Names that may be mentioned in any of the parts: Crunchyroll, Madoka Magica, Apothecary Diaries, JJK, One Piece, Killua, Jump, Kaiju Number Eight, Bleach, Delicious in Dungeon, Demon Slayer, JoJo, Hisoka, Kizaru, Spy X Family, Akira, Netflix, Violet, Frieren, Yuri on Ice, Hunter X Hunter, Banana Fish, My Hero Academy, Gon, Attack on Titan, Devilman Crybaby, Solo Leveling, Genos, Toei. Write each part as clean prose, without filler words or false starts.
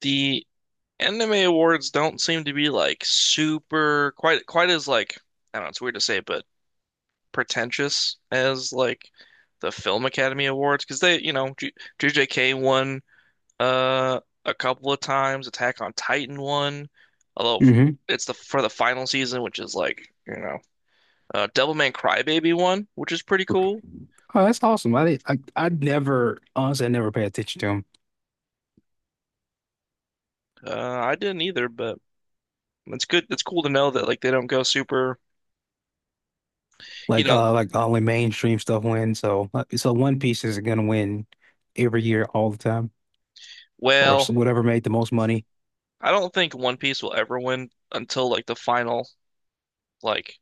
The anime awards don't seem to be like super quite as like, I don't know, it's weird to say, but pretentious as like the Film Academy Awards because, they, J JJK won a couple of times, Attack on Titan won, although Hmm. it's the, for the final season, which is like, Devilman Crybaby won, which is pretty cool. Oh, that's awesome. I did, I never honestly I never pay attention to them. Uh I didn't either, but it's good. It's cool to know that like they don't go super, you Like know, uh like only mainstream stuff wins. So One Piece is gonna win every year all the time or so well. whatever made the most money. I don't think One Piece will ever win until like the final, like,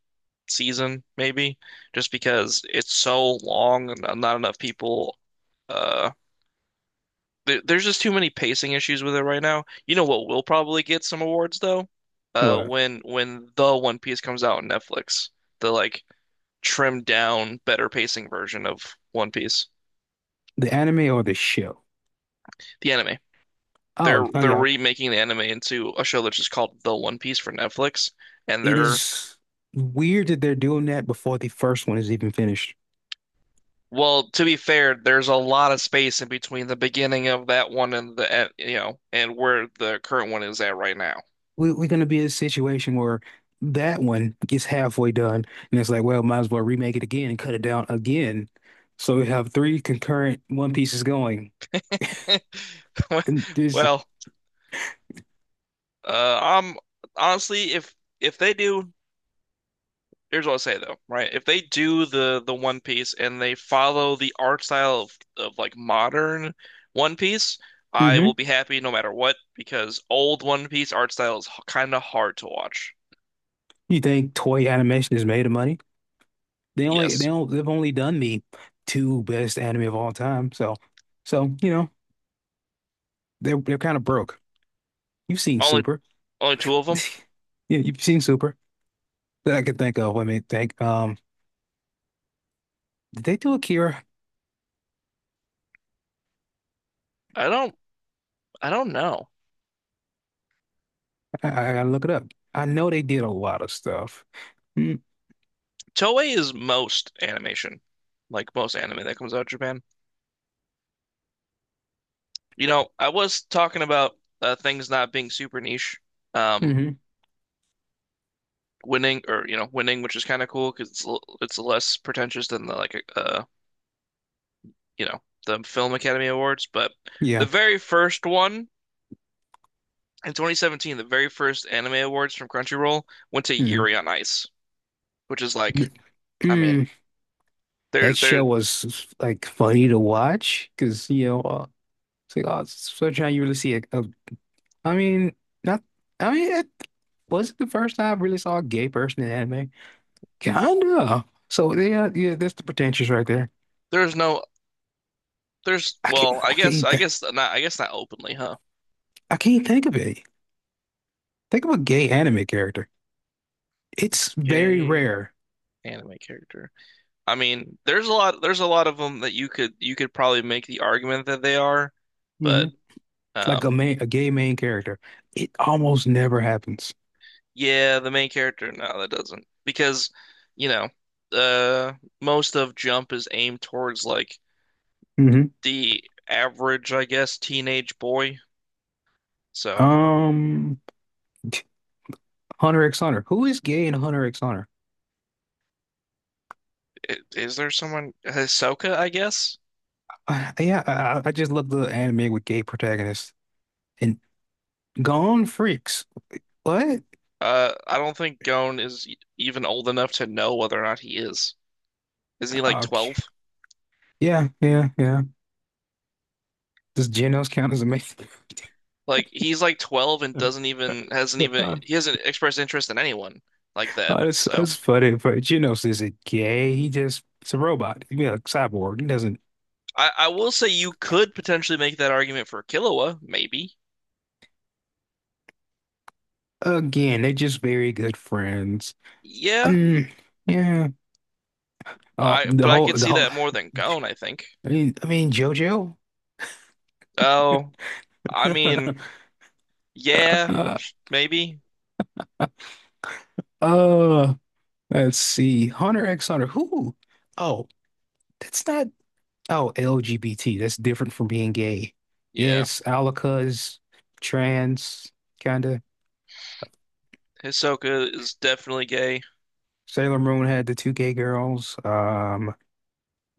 season, maybe, just because it's so long and not enough people. Uh, there's just too many pacing issues with it right now. You know what will probably get some awards though? What? when the One Piece comes out on Netflix, the like trimmed down, better pacing version of One Piece, The anime or the show? the anime. They're Oh, they're yeah. remaking the anime into a show that's just called The One Piece for Netflix, and It they're— is weird that they're doing that before the first one is even finished. well, to be fair, there's a lot of space in between the beginning of that one and the and, you know, and where the current one is at right now. We're gonna be in a situation where that one gets halfway done, and it's like, well, might as well remake it again and cut it down again. So we have three concurrent One Pieces going. And there's, Well, I'm— honestly, if they do, here's what I'll say though, right? If they do the— the One Piece and they follow the art style of like modern One Piece, I will hmm be happy no matter what because old One Piece art style is kind of hard to watch. You think toy animation is made of money? They only they Yes, don't they've only done the two best anime of all time. So, they're kind of broke. You've seen only Super, only two of them. yeah, you've seen Super that I can think of. Let me think. Did they do Akira? I don't I don't know. I gotta look it up. I know they did a lot of stuff. Toei is most animation, like most anime that comes out of Japan. You know, I was talking about things not being super niche. Um, Hmm. winning or, winning, which is kind of cool because it's it's less pretentious than the like you know the Film Academy Awards. But the Yeah. very first one in 2017, the very first anime awards from Crunchyroll went to Mm. Yuri on Ice, which is like, Th- I mean, Mm. there That there show was like funny to watch because it's like, oh, it's such how you really see it. Mean, not. I mean, it was it the first time I really saw a gay person in anime? Kinda. So yeah, yeah. That's the pretentious right there. there's no there's I can't. well, I I guess can't I think. guess not I guess not openly, huh? I can't think of it. Think of a gay anime character. It's very Okay. rare. Anime character. I mean, there's a lot of them that you could probably make the argument that they are, Hmm. but Like a um main, a gay main character. It almost never happens. yeah, the main character, no, that doesn't. Because, you know, uh most of Jump is aimed towards like Hmm. the average, I guess, teenage boy. So, Um. Hunter X Hunter. Who is gay in Hunter X Hunter? Is there someone— Hisoka, I guess? Yeah, I just love the anime with gay protagonists and Gone Freaks. What? I don't think Gon is even old enough to know whether or not he is. Isn't he like 12? Okay. Yeah, yeah, yeah. Does Genos count as a man? Like he's like 12 and doesn't even— hasn't even— he hasn't expressed interest in anyone like that. uh, that's So that's funny, but Genos isn't gay. He just It's a robot. Yeah, a cyborg. He doesn't. I will say you could potentially make that argument for Killua, maybe. Again, they're just very good friends. Yeah, Um, yeah. Oh, I— the but I whole, could the see whole. that more than Gon, I think. I mean, JoJo. Oh, I mean, yeah, uh, maybe. uh, Let's see. Hunter X Hunter. Who? Oh, that's not. Oh, LGBT. That's different from being gay. Yeah. Yes, Alaka is trans, kind of. Hisoka is definitely gay. Sailor Moon had the two gay girls.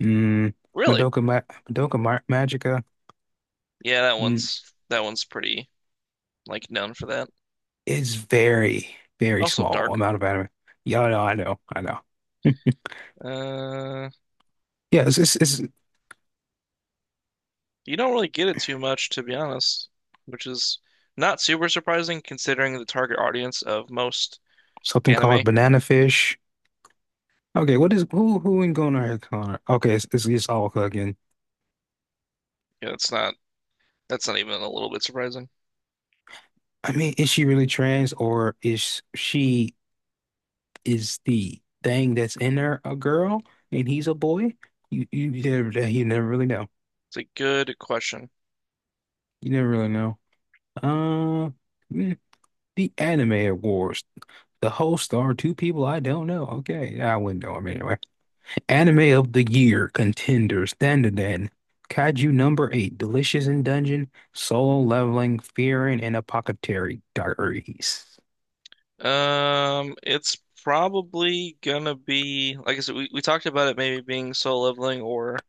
mm, Really? Madoka, Ma Madoka Ma Magica. Yeah, that Mm, one's that one's pretty like known for that. it's very, very Also small dark. amount of anime. Yeah, I know, I know, I know. Uh, Yeah, it's you don't really get it too much, to be honest, which is not super surprising considering the target audience of most something anime. called Banana Fish. Okay, what is who in Hunter X Hunter? Okay, it's Alaka again. Yeah, it's not— that's not even a little bit surprising. I mean, is she really trans, or is the thing that's in her a girl and he's a boy? You never really know. It's a good question. You never really know. Uh, mm, the Anime Awards. The hosts are two people I don't know. Okay, I wouldn't know them anyway. Anime of the Year contenders: Dandadan, Kaiju Number Eight, Delicious in Dungeon, Solo Leveling, Fearing, and Apothecary Diaries, It's probably gonna be, like I said, we talked about it maybe being Soul Leveling or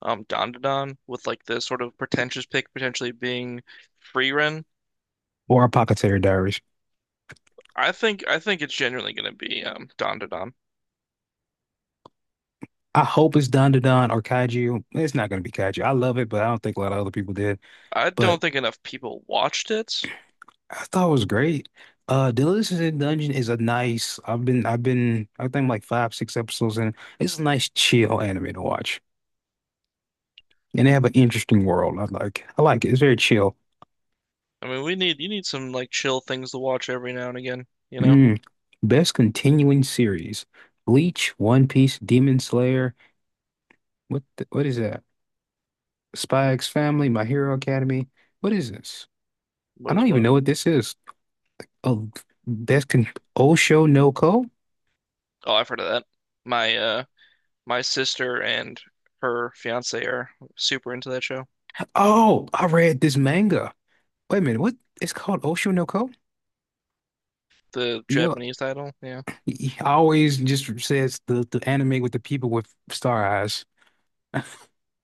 Dandadan, with like the sort of pretentious pick potentially being Frieren. or Apothecary Diaries. I think it's genuinely gonna be Dandadan. I hope it's Don Don or Kaiju. It's not gonna be Kaiju. I love it, but I don't think a lot of other people did. I don't But think enough people watched it. I thought it was great. Delicious in Dungeon is a nice. I think like five, six episodes in. It's a nice chill anime to watch, and they have an interesting world. I like it. It's very chill. I mean, we need— you need some like chill things to watch every now and again, you know? Mm. Best continuing series: Bleach, One Piece, Demon Slayer. What is that? Spy X Family, My Hero Academy. What is this? What I is don't even what? know what this is. Oh, that's con Osho no Ko? Oh, I've heard of that. My my sister and her fiance are super into that show. Oh, I read this manga. Wait a minute, what? It's called Osho no Ko? The You know, Japanese title, yeah. I always just says the anime with the people with star eyes.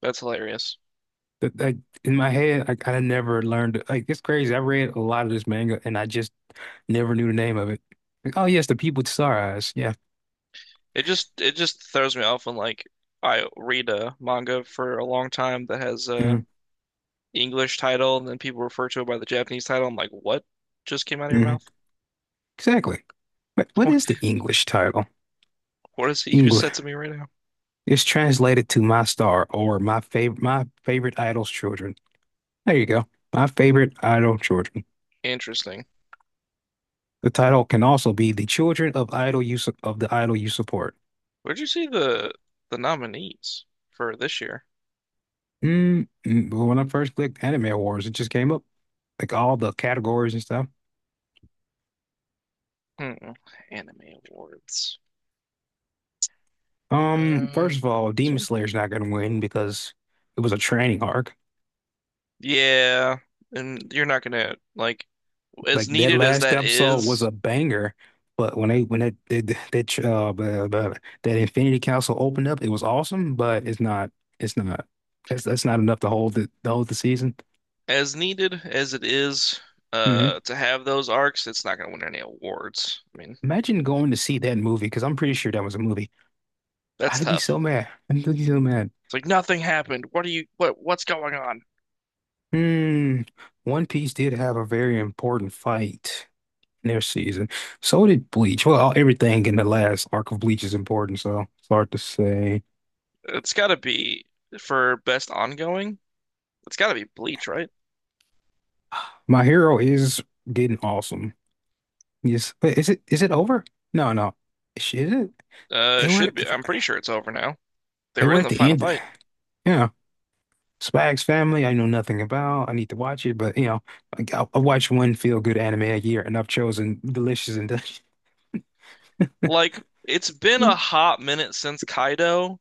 That's hilarious. But like in my head, I never learned. Like, it's crazy. I read a lot of this manga and I just never knew the name of it. Like, oh yes, the people with star eyes. Yeah, It just throws me off when like I read a manga for a long time that has mm-hmm. a English title and then people refer to it by the Japanese title. I'm like, what just came out of your Mm-hmm. mouth? Exactly. But what What— is the English title? what is it you just said English. to me right now? It's translated to My Star, or My Favorite Idol's Children. There you go. My favorite idol children. Interesting. The title can also be The Children of the Idol You Support. Where'd you see the— the nominees for this year? But when I first clicked Anime Awards, it just came up like all the categories and stuff. Hmm. Anime awards. Um, First of all, this Demon one? Slayer's not gonna win because it was a training arc. Yeah, and you're not gonna like— as Like, that needed as last that episode was is, a banger, but when they, when that blah, blah, blah, that Infinity Council opened up, it was awesome, but it's not, it's not that's not enough to hold the, season. as needed as it is, Mm-hmm. To have those arcs, it's not gonna win any awards. I mean, Imagine going to see that movie, because I'm pretty sure that was a movie. that's I'd be tough. so mad. I'd be so mad. It's like nothing happened. What are you? What— what's going on? Hmm. One Piece did have a very important fight in their season. So did Bleach. Well, everything in the last arc of Bleach is important, so it's hard to say. It's gotta be for best ongoing. It's gotta be Bleach, right? My Hero is getting awesome. Yes. Wait, is it, is it over? No, no. Is it? It They were should be. I'm pretty sure it's over now. They they were were in at the the final end. fight. Yeah. Spags Family, I know nothing about. I need to watch it, but like, I watch one feel-good anime a year, and I've chosen Delicious and Delicious. Like, it's been a hot minute since Kaido.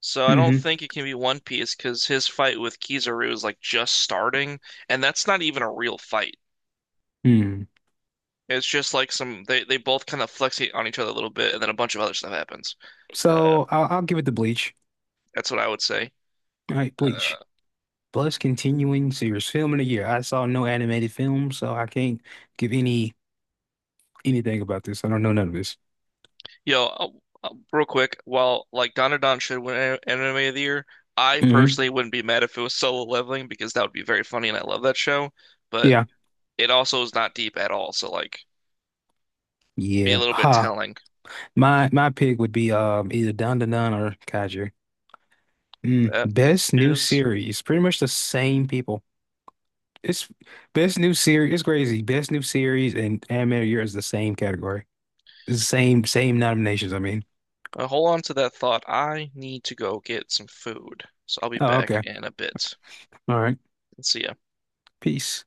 So I don't Hmm. think it can be One Piece because his fight with Kizaru is like just starting, and that's not even a real fight. Hmm. It's just like some— they both kind of flex on each other a little bit, and then a bunch of other stuff happens. Uh, So I'll give it to Bleach. that's what I would say. All right, Uh, Bleach. Plus continuing series film in a year. I saw no animated film, so I can't give any anything about this. I don't know none of this. yo, real quick, while like Dandadan should win Anime of the Year, I Hmm. personally wouldn't be mad if it was Solo Leveling because that would be very funny, and I love that show. But Yeah. it also is not deep at all, so like— be a Yeah. little bit Ha. telling. My pick would be either Dandadan or Kaiju. Mm. That Best new is. series. Pretty much the same people. It's best new series. It's crazy. Best new series and animated year is the same category. It's the same nominations. I mean. Hold on to that thought. I need to go get some food. So I'll be Oh, back okay. in a bit. All right. See ya. Peace.